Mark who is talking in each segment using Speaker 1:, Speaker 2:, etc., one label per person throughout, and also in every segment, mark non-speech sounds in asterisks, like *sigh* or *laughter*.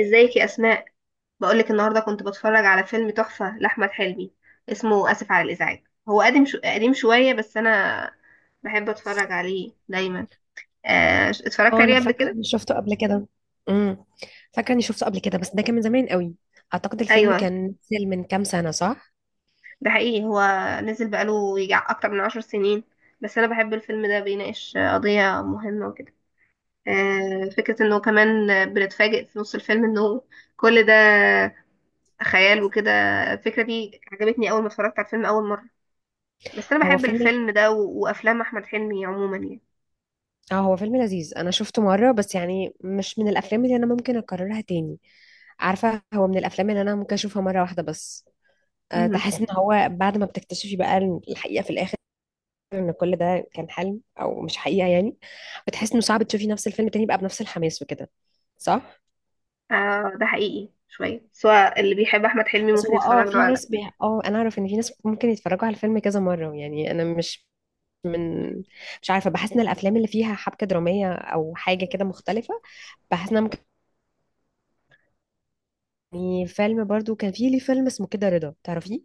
Speaker 1: ازيك يا اسماء؟ بقولك النهارده كنت بتفرج على فيلم تحفه لاحمد حلمي، اسمه اسف على الازعاج. هو قديم قديم شويه، بس انا بحب اتفرج عليه دايما. اتفرجت
Speaker 2: اه،
Speaker 1: عليه
Speaker 2: انا
Speaker 1: قبل
Speaker 2: فاكره
Speaker 1: كده.
Speaker 2: اني شفته قبل كده. امم فاكره اني شفته قبل كده، بس ده كان من زمان قوي. اعتقد الفيلم
Speaker 1: ايوه
Speaker 2: كان نزل من كام سنه، صح؟
Speaker 1: ده حقيقي، هو نزل بقاله يجي اكتر من عشر سنين، بس انا بحب الفيلم ده، بيناقش قضيه مهمه وكده. فكره انه كمان بنتفاجئ في نص الفيلم انه كل ده خيال وكده. الفكره دي عجبتني اول ما اتفرجت على الفيلم اول مره. بس انا
Speaker 2: هو
Speaker 1: بحب
Speaker 2: فيلم
Speaker 1: الفيلم ده وافلام احمد حلمي عموما يعني
Speaker 2: اه هو فيلم لذيذ، انا شفته مره بس، يعني مش من الافلام اللي انا ممكن اكررها تاني. عارفه، هو من الافلام اللي انا ممكن اشوفها مره واحده بس. أه،
Speaker 1: مهم.
Speaker 2: تحس ان هو بعد ما بتكتشفي بقى الحقيقه في الاخر، ان كل ده كان حلم او مش حقيقه، يعني بتحس انه صعب تشوفي نفس الفيلم تاني بقى بنفس الحماس وكده، صح؟
Speaker 1: آه ده حقيقي شويه، سواء اللي بيحب احمد حلمي
Speaker 2: بس
Speaker 1: ممكن
Speaker 2: هو اه،
Speaker 1: يتفرج له
Speaker 2: في
Speaker 1: على
Speaker 2: ناس بي...
Speaker 1: الافلام.
Speaker 2: اه انا اعرف ان في ناس ممكن يتفرجوا على الفيلم كذا مره، يعني انا مش من، مش عارفه. بحس ان الافلام اللي فيها حبكه دراميه او حاجه كده مختلفه، بحس انها ممكن، يعني. فيلم برضو كان فيه، ليه فيلم اسمه كده رضا، تعرفيه؟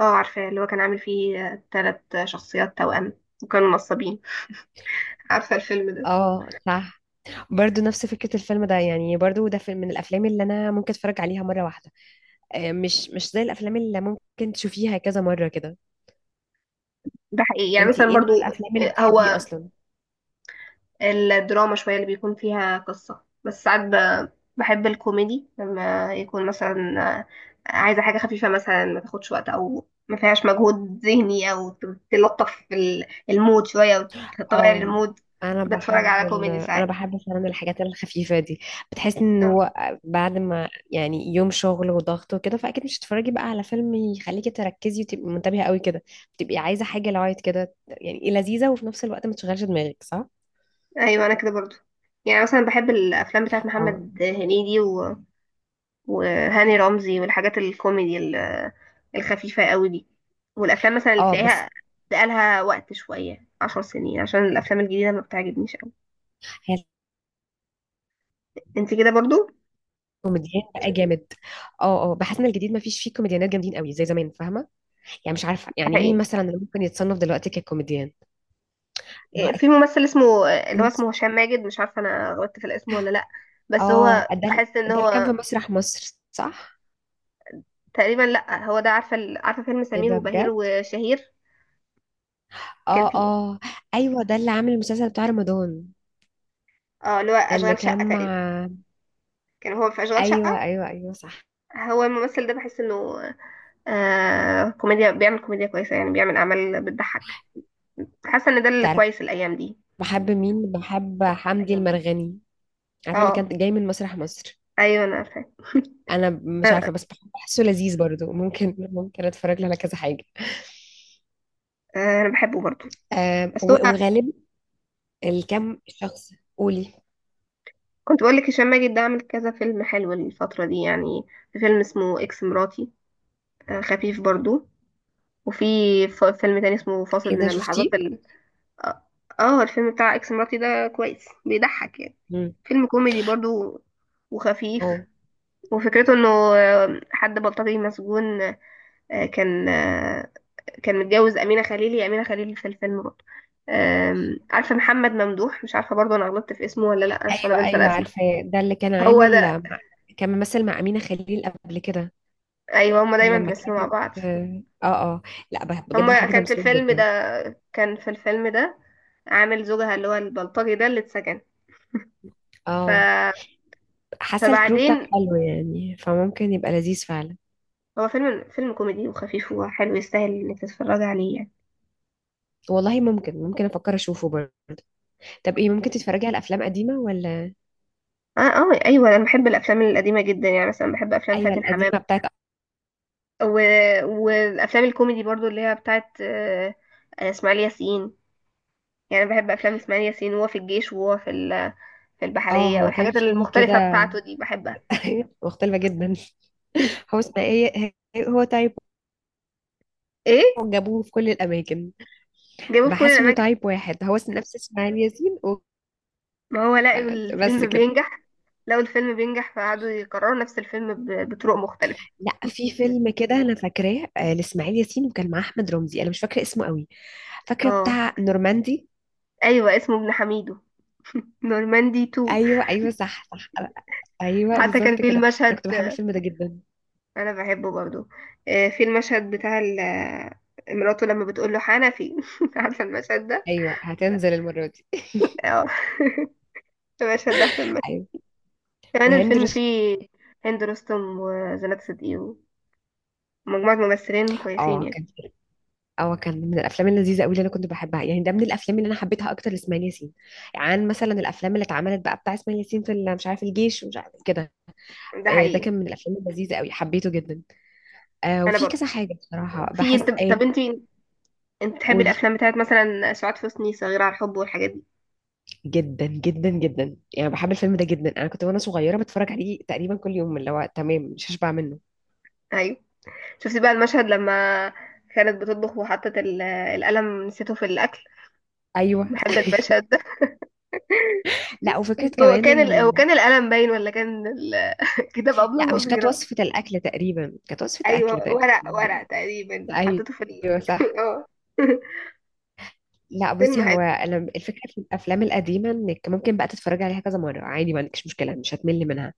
Speaker 1: اه عارفه، اللي هو كان عامل فيه ثلاث شخصيات توأم وكانوا نصابين، عارفه الفيلم ده؟
Speaker 2: اه صح. برضو نفس فكره الفيلم ده، يعني برضو ده من الافلام اللي انا ممكن اتفرج عليها مره واحده. آه، مش زي الافلام اللي ممكن تشوفيها كذا مره كده.
Speaker 1: ده حقيقي يعني
Speaker 2: انتي
Speaker 1: مثلا
Speaker 2: ايه نوع
Speaker 1: برضو.
Speaker 2: الافلام اللي بتحبيه
Speaker 1: هو
Speaker 2: اصلا؟
Speaker 1: الدراما شوية اللي بيكون فيها قصة، بس ساعات بحب الكوميدي لما يكون مثلا آه، عايزة حاجة خفيفة مثلا، ما تاخدش وقت أو ما فيهاش مجهود ذهني، أو تلطف المود شوية وتغير
Speaker 2: اه،
Speaker 1: المود.
Speaker 2: انا
Speaker 1: بتفرج
Speaker 2: بحب
Speaker 1: على كوميدي
Speaker 2: انا
Speaker 1: ساعات.
Speaker 2: بحب فعلا الحاجات الخفيفه دي. بتحس ان
Speaker 1: آه،
Speaker 2: هو بعد ما، يعني، يوم شغل وضغط وكده، فاكيد مش هتتفرجي بقى على فيلم يخليكي تركزي وتبقي منتبهه قوي كده. بتبقي عايزه حاجه لايت كده، يعني إيه، لذيذه وفي نفس الوقت ما تشغلش دماغك، صح؟
Speaker 1: أيوة أنا كده برضو، يعني مثلا بحب الأفلام بتاعت
Speaker 2: اه
Speaker 1: محمد هنيدي وهاني رمزي والحاجات الكوميدي الخفيفة قوي دي، والأفلام مثلا اللي
Speaker 2: اه.
Speaker 1: تلاقيها
Speaker 2: بس
Speaker 1: بقالها وقت شوية عشر سنين، عشان الأفلام الجديدة ما بتعجبنيش قوي.
Speaker 2: هي
Speaker 1: انت كده برضو؟
Speaker 2: الكوميديان بقى جامد. اه اه، بحس ان الجديد ما فيش فيه كوميديانات جامدين قوي زي زمان، فاهمه؟ يعني مش عارفه، يعني مين
Speaker 1: صحيح.
Speaker 2: مثلا اللي ممكن يتصنف دلوقتي ككوميديان. ما هو
Speaker 1: إيه، في
Speaker 2: اكيد.
Speaker 1: ممثل اسمه، اللي هو
Speaker 2: مس-
Speaker 1: اسمه هشام ماجد، مش عارفة أنا غلطت في الاسم ولا لأ، بس
Speaker 2: اه،
Speaker 1: هو
Speaker 2: ده
Speaker 1: بحس إن
Speaker 2: ده اللي كان في
Speaker 1: هو
Speaker 2: مسرح مصر، صح؟
Speaker 1: تقريبا لأ. هو ده، عارفة عارفة فيلم
Speaker 2: ايه
Speaker 1: سمير
Speaker 2: ده،
Speaker 1: وبهير
Speaker 2: بجد؟
Speaker 1: وشهير؟ كان
Speaker 2: اه
Speaker 1: فيه.
Speaker 2: اه. ايوه، ده اللي عامل المسلسل بتاع رمضان.
Speaker 1: اه، اللي هو
Speaker 2: اللي
Speaker 1: أشغال
Speaker 2: كان
Speaker 1: شقة
Speaker 2: مع.
Speaker 1: تقريبا، كان هو في أشغال
Speaker 2: ايوه
Speaker 1: شقة.
Speaker 2: ايوه ايوه، صح.
Speaker 1: هو الممثل ده بحس إنه آه كوميديا، بيعمل كوميديا كويسة، يعني بيعمل أعمال بتضحك. حاسة إن ده اللي
Speaker 2: تعرف،
Speaker 1: كويس الأيام دي.
Speaker 2: بحب مين؟ بحب حمدي المرغني. عارفه اللي
Speaker 1: اه
Speaker 2: كان جاي من مسرح مصر.
Speaker 1: ايوه انا فاهم.
Speaker 2: انا مش
Speaker 1: آه،
Speaker 2: عارفه بس بحسه لذيذ برضو، ممكن اتفرج له على كذا حاجه.
Speaker 1: انا بحبه برضه.
Speaker 2: آم،
Speaker 1: بس هو،
Speaker 2: وغالب الكم شخص قولي.
Speaker 1: كنت بقول لك هشام ماجد ده عامل كذا فيلم حلو الفتره دي يعني. في فيلم اسمه اكس مراتي، خفيف برضه. وفي فيلم تاني اسمه فاصل
Speaker 2: ايه
Speaker 1: من
Speaker 2: ده،
Speaker 1: اللحظات
Speaker 2: شفتيه؟
Speaker 1: ال... اه. الفيلم بتاع اكس مراتي ده كويس، بيضحك يعني.
Speaker 2: مم.
Speaker 1: فيلم كوميدي برضه وخفيف.
Speaker 2: اه.
Speaker 1: وفكرته انه حد بلطجي مسجون، آه، كان آه، كان متجوز أمينة خليل. هي أمينة خليل في الفيلم برضه. عارفة محمد ممدوح، مش عارفة برضه أنا غلطت في اسمه ولا لأ، عشان أنا
Speaker 2: ايوه
Speaker 1: بنسى
Speaker 2: ايوه،
Speaker 1: الأسماء.
Speaker 2: عارفه ده اللي كان
Speaker 1: هو
Speaker 2: عامل.
Speaker 1: ده.
Speaker 2: مع- كان ممثل مع امينه خليل قبل كده.
Speaker 1: أيوه، هما دايما
Speaker 2: لما
Speaker 1: بيمثلوا مع
Speaker 2: كانت.
Speaker 1: بعض.
Speaker 2: اه اه. لا، بجد
Speaker 1: هما
Speaker 2: بحب تمثيل جدا.
Speaker 1: كان في الفيلم ده عامل زوجها، اللي هو البلطجي ده اللي اتسجن. ف...
Speaker 2: اه. حاسه الكرو بتاعك
Speaker 1: فبعدين
Speaker 2: حلو، يعني فممكن يبقى لذيذ فعلا.
Speaker 1: هو فيلم، فيلم كوميدي وخفيف وحلو، يستاهل انك تتفرج عليه يعني.
Speaker 2: والله، ممكن افكر اشوفه برضه. طب ايه، ممكن تتفرجي على افلام قديمه ولا؟
Speaker 1: اه اه ايوه، انا بحب الافلام القديمه جدا، يعني مثلا بحب افلام
Speaker 2: ايوه،
Speaker 1: فاتن حمام
Speaker 2: القديمه بتاعت.
Speaker 1: و... والافلام الكوميدي برضو، اللي هي بتاعت اسماعيل ياسين. يعني بحب افلام اسماعيل ياسين، وهو في الجيش، وهو في في
Speaker 2: اه،
Speaker 1: البحريه،
Speaker 2: هو كان
Speaker 1: والحاجات
Speaker 2: فيه كده.
Speaker 1: المختلفه بتاعته دي بحبها.
Speaker 2: *laughs* مختلفه جدا.
Speaker 1: *laughs*
Speaker 2: هو اسمه ايه؟ هو تايب
Speaker 1: ايه.
Speaker 2: واحد، جابوه في كل الاماكن.
Speaker 1: جابوه في كل
Speaker 2: بحس انه
Speaker 1: الاماكن.
Speaker 2: تايب واحد هو نفس اسماعيل ياسين
Speaker 1: ما هو لقوا
Speaker 2: بس
Speaker 1: الفيلم
Speaker 2: كده.
Speaker 1: بينجح، لقوا الفيلم بينجح فقعدوا يكرروا نفس الفيلم بطرق مختلفه.
Speaker 2: لا، في فيلم كده انا فاكراه، آه، لاسماعيل ياسين وكان معاه احمد رمزي، انا مش فاكره اسمه قوي. فاكره
Speaker 1: اه
Speaker 2: بتاع نورماندي.
Speaker 1: ايوه اسمه ابن حميدو، نورماندي 2.
Speaker 2: ايوه ايوه، صح صح. ايوه،
Speaker 1: حتى كان
Speaker 2: بالظبط
Speaker 1: في
Speaker 2: كده.
Speaker 1: المشهد.
Speaker 2: انا كنت بحب الفيلم ده جدا.
Speaker 1: انا بحبه برضو. في المشهد بتاع مراته لما بتقول له حنفي. *laughs* عارفه المشهد ده؟
Speaker 2: ايوه، هتنزل المره دي. *laughs*
Speaker 1: اه *laughs* المشهد ده احسن.
Speaker 2: ايوه.
Speaker 1: يعني
Speaker 2: وهند
Speaker 1: الفيلم
Speaker 2: رستم.
Speaker 1: فيه هند رستم وزنات صدقي ومجموعة ممثلين كويسين
Speaker 2: اه
Speaker 1: يعني.
Speaker 2: كان، اه كان من الافلام اللذيذه قوي اللي انا كنت بحبها، يعني ده من الافلام اللي انا حبيتها اكتر لاسماعيل ياسين، عن مثلا الافلام اللي اتعملت بقى بتاع اسماعيل ياسين في مش عارف الجيش ومش عارف كده.
Speaker 1: ده
Speaker 2: آه، ده
Speaker 1: حقيقي.
Speaker 2: كان من الافلام اللذيذه قوي، حبيته جدا. آه،
Speaker 1: انا
Speaker 2: وفي
Speaker 1: برضه.
Speaker 2: كذا حاجه بصراحه
Speaker 1: في، انت،
Speaker 2: بحس ايه.
Speaker 1: طب انت بتحبي
Speaker 2: قولي.
Speaker 1: الافلام بتاعت مثلا سعاد حسني، صغيرة على الحب والحاجات دي؟
Speaker 2: جدا جدا جدا، يعني بحب الفيلم ده جدا. انا كنت وانا صغيره بتفرج عليه تقريبا كل يوم، اللي هو تمام، مش هشبع منه.
Speaker 1: ايوه. شفتي بقى المشهد لما كانت بتطبخ وحطت القلم، نسيته في الاكل؟
Speaker 2: ايوه.
Speaker 1: بحب
Speaker 2: *laughs*
Speaker 1: المشهد ده.
Speaker 2: لا، وفكره كمان ان
Speaker 1: هو كان القلم باين، ولا كان ال...؟ *laughs* كتاب ابله
Speaker 2: لا، مش كانت
Speaker 1: نظيره.
Speaker 2: وصفه الاكل تقريبا، كانت وصفه اكل
Speaker 1: ايوه
Speaker 2: تقريبا.
Speaker 1: ورق، ورق تقريبا، حطيته في ال...
Speaker 2: ايوه
Speaker 1: *laughs*
Speaker 2: صح.
Speaker 1: اه *laughs*
Speaker 2: لا،
Speaker 1: فيلم
Speaker 2: بصي،
Speaker 1: حلو.
Speaker 2: هو انا الفكره في الافلام القديمه انك ممكن بقى تتفرجي عليها كذا مره عادي، ما عندكش مشكله، مش هتمل منها.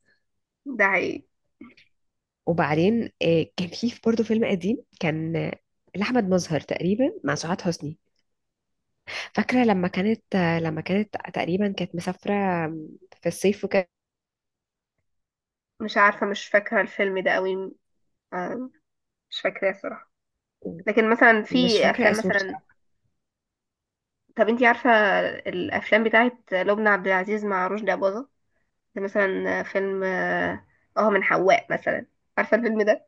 Speaker 1: ده حقيقي.
Speaker 2: وبعدين آه، كان في برضه فيلم قديم كان آه، لاحمد مظهر تقريبا مع سعاد حسني. فاكرة لما كانت تقريبا كانت مسافرة في الصيف وكده.
Speaker 1: مش عارفة، مش فاكرة الفيلم ده قوي. آه، مش فاكراه الصراحة. لكن مثلا
Speaker 2: مش
Speaker 1: في
Speaker 2: فاكرة
Speaker 1: افلام
Speaker 2: اسمه
Speaker 1: مثلا،
Speaker 2: بصراحة.
Speaker 1: طب انتي عارفة الافلام بتاعت لبنى عبد العزيز مع رشدي أباظة؟ زي مثلا فيلم اه، من حواء مثلا، عارفة الفيلم ده؟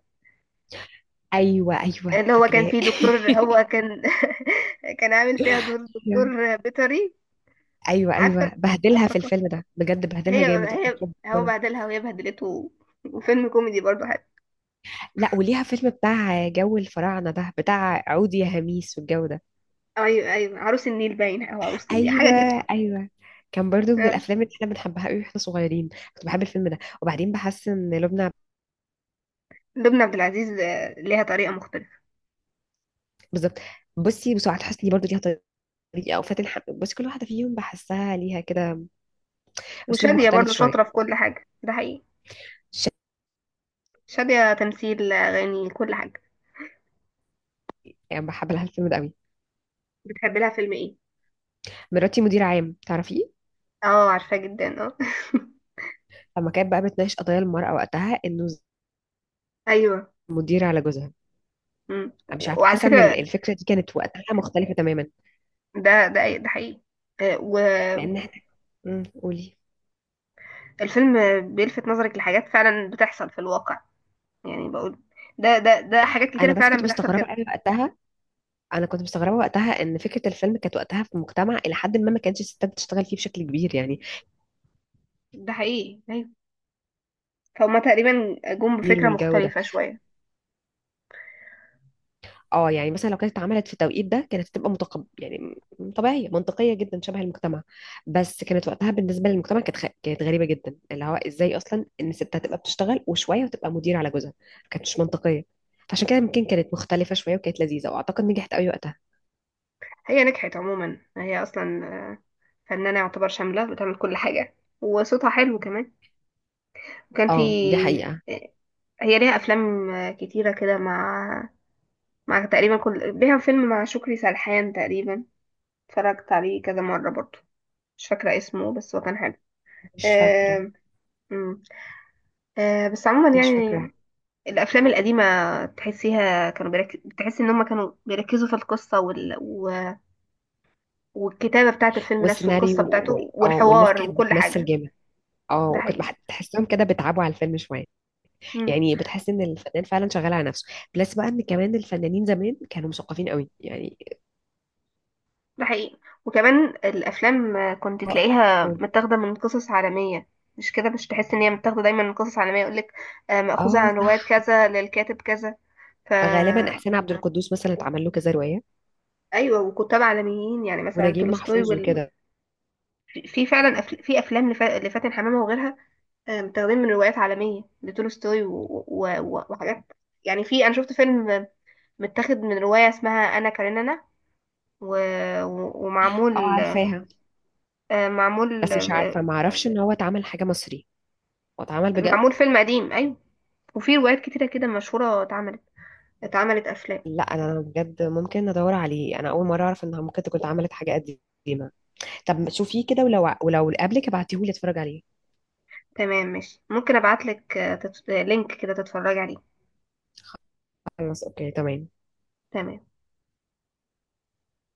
Speaker 2: أيوة أيوة،
Speaker 1: اللي هو كان
Speaker 2: فاكراه.
Speaker 1: فيه دكتور، هو كان *laughs* كان عامل فيها دور
Speaker 2: *laughs* يعني
Speaker 1: دكتور بيطري.
Speaker 2: أيوة
Speaker 1: عارفة،
Speaker 2: أيوة، بهدلها
Speaker 1: عارفة
Speaker 2: في
Speaker 1: قصة؟
Speaker 2: الفيلم ده بجد، بهدلها
Speaker 1: هي
Speaker 2: جامد، وحياة
Speaker 1: هي هو
Speaker 2: ربنا.
Speaker 1: بهدلها وهي بهدلته، وفيلم كوميدي برضه حلو.
Speaker 2: لا، وليها فيلم بتاع جو الفراعنة ده، بتاع عود يا هميس والجو ده.
Speaker 1: ايوه ايوه عروس النيل باين، او عروس النيل حاجة
Speaker 2: أيوة
Speaker 1: كده.
Speaker 2: أيوة. كان برضو من
Speaker 1: آه.
Speaker 2: الأفلام اللي احنا بنحبها قوي واحنا صغيرين. كنت بحب الفيلم ده. وبعدين بحس إن لبنى.
Speaker 1: لبنى عبد العزيز ليها طريقة مختلفة.
Speaker 2: بالظبط. بصي، وسعاد حسني برضو ليها طريقة، أو فاتن حمامة، بصي كل واحدة فيهم بحسها ليها كده اسلوب
Speaker 1: وشادية
Speaker 2: مختلف
Speaker 1: برضو شاطرة في
Speaker 2: شويه.
Speaker 1: كل حاجة، ده حقيقي.
Speaker 2: شائع.
Speaker 1: شادية تمثيل، أغاني، كل حاجة.
Speaker 2: بحب لها الفيلم ده قوي.
Speaker 1: بتحب لها فيلم ايه؟
Speaker 2: مراتي مدير عام، تعرفيه؟
Speaker 1: اه عارفاه جدا، اه.
Speaker 2: لما كانت بقى بتناقش قضايا المراه وقتها، انه
Speaker 1: *laughs* ايوه.
Speaker 2: مدير على جوزها.
Speaker 1: مم.
Speaker 2: انا مش عارفه،
Speaker 1: وعلى
Speaker 2: حاسه ان
Speaker 1: فكرة
Speaker 2: الفكره دي كانت وقتها مختلفه تماما،
Speaker 1: ده حقيقي. آه،
Speaker 2: لان احنا. مم، قولي.
Speaker 1: والفيلم بيلفت نظرك لحاجات فعلا بتحصل في الواقع، يعني بقول ده حاجات
Speaker 2: انا
Speaker 1: كتيرة
Speaker 2: بس
Speaker 1: فعلا
Speaker 2: كنت
Speaker 1: بتحصل
Speaker 2: مستغربه
Speaker 1: كده.
Speaker 2: قوي وقتها، انا كنت مستغربه وقتها ان فكره الفيلم كانت وقتها في مجتمع الى حد ما ما كانتش الستات بتشتغل فيه بشكل كبير، يعني
Speaker 1: ده حقيقي ايوه. فهما تقريبا جم
Speaker 2: كبير
Speaker 1: بفكرة
Speaker 2: والجو ده.
Speaker 1: مختلفة شوية.
Speaker 2: اه، يعني مثلا لو كانت اتعملت في التوقيت ده كانت هتبقى متقب، يعني طبيعيه منطقيه جدا شبه المجتمع. بس كانت وقتها بالنسبه للمجتمع، كانت كانت غريبه جدا، اللي هو ازاي اصلا ان الست هتبقى بتشتغل وشويه وتبقى مدير على جوزها، ما كانتش منطقيه. فعشان كده يمكن كانت مختلفه شويه وكانت لذيذه، واعتقد نجحت قوي وقتها.
Speaker 1: هي نجحت عموما، هي اصلا فنانة يعتبر شاملة، بتعمل كل حاجة، وصوتها حلو كمان. وكان في،
Speaker 2: اه، دي حقيقه.
Speaker 1: هي ليها افلام كتيره كده، مع مع تقريبا كل، ليها فيلم مع شكري سرحان تقريبا، اتفرجت عليه كذا مره برضو. مش فاكره اسمه، بس هو كان حلو.
Speaker 2: مش فاكره.
Speaker 1: آه... مم. بس عموما
Speaker 2: مش
Speaker 1: يعني
Speaker 2: فاكره.
Speaker 1: الافلام القديمه تحسيها كانوا بتحس ان هم كانوا بيركزوا في القصه والكتابه بتاعه الفيلم نفسه، والقصه
Speaker 2: والسيناريو
Speaker 1: بتاعته،
Speaker 2: اه، والناس
Speaker 1: والحوار،
Speaker 2: كانت
Speaker 1: وكل
Speaker 2: بتمثل
Speaker 1: حاجه.
Speaker 2: جامد. اه،
Speaker 1: ده
Speaker 2: وكنت
Speaker 1: حقيقي.
Speaker 2: بح- بتحسهم كده بيتعبوا على الفيلم شويه. يعني بتحس ان الفنان فعلا شغال على نفسه. بلس بقى، ان كمان الفنانين زمان كانوا مثقفين قوي يعني.
Speaker 1: ده حقيقي. وكمان الافلام كنت
Speaker 2: آه،
Speaker 1: تلاقيها
Speaker 2: قول.
Speaker 1: متاخده من قصص عالميه، مش كده؟ مش تحس ان هي متاخده دايما من قصص عالميه، يقولك مأخوذه
Speaker 2: اه
Speaker 1: عن روايه
Speaker 2: صح.
Speaker 1: كذا للكاتب كذا.
Speaker 2: غالبا
Speaker 1: فا
Speaker 2: احسان عبد القدوس مثلا اتعمل له كذا روايه.
Speaker 1: ايوه، وكتاب عالميين يعني مثلا
Speaker 2: ونجيب
Speaker 1: تولستوي
Speaker 2: محفوظ
Speaker 1: وال...
Speaker 2: وكده.
Speaker 1: في فعلا في افلام لفاتن حمامه وغيرها، متاخدين من روايات عالميه لتولستوي وحاجات. يعني في، انا شفت فيلم متاخد من روايه اسمها انا كارينانا و...
Speaker 2: اه،
Speaker 1: ومعمول.
Speaker 2: عارفاها.
Speaker 1: معمول،
Speaker 2: بس مش عارفه، ما اعرفش ان هو اتعمل حاجه مصري. هو اتعمل بجد؟
Speaker 1: معمول فيلم قديم ايوه. وفي روايات كتيرة كده مشهورة اتعملت، اتعملت افلام.
Speaker 2: لا، انا بجد ممكن ادور عليه، انا اول مره اعرف انها ممكن تكون اتعملت حاجه قديمه. طب شوفيه كده، ولو قبلك ابعتيهولي اتفرج عليه.
Speaker 1: تمام ماشي، ممكن ابعتلك لينك كده تتفرجي عليه.
Speaker 2: خلاص اوكي، تمام.
Speaker 1: تمام.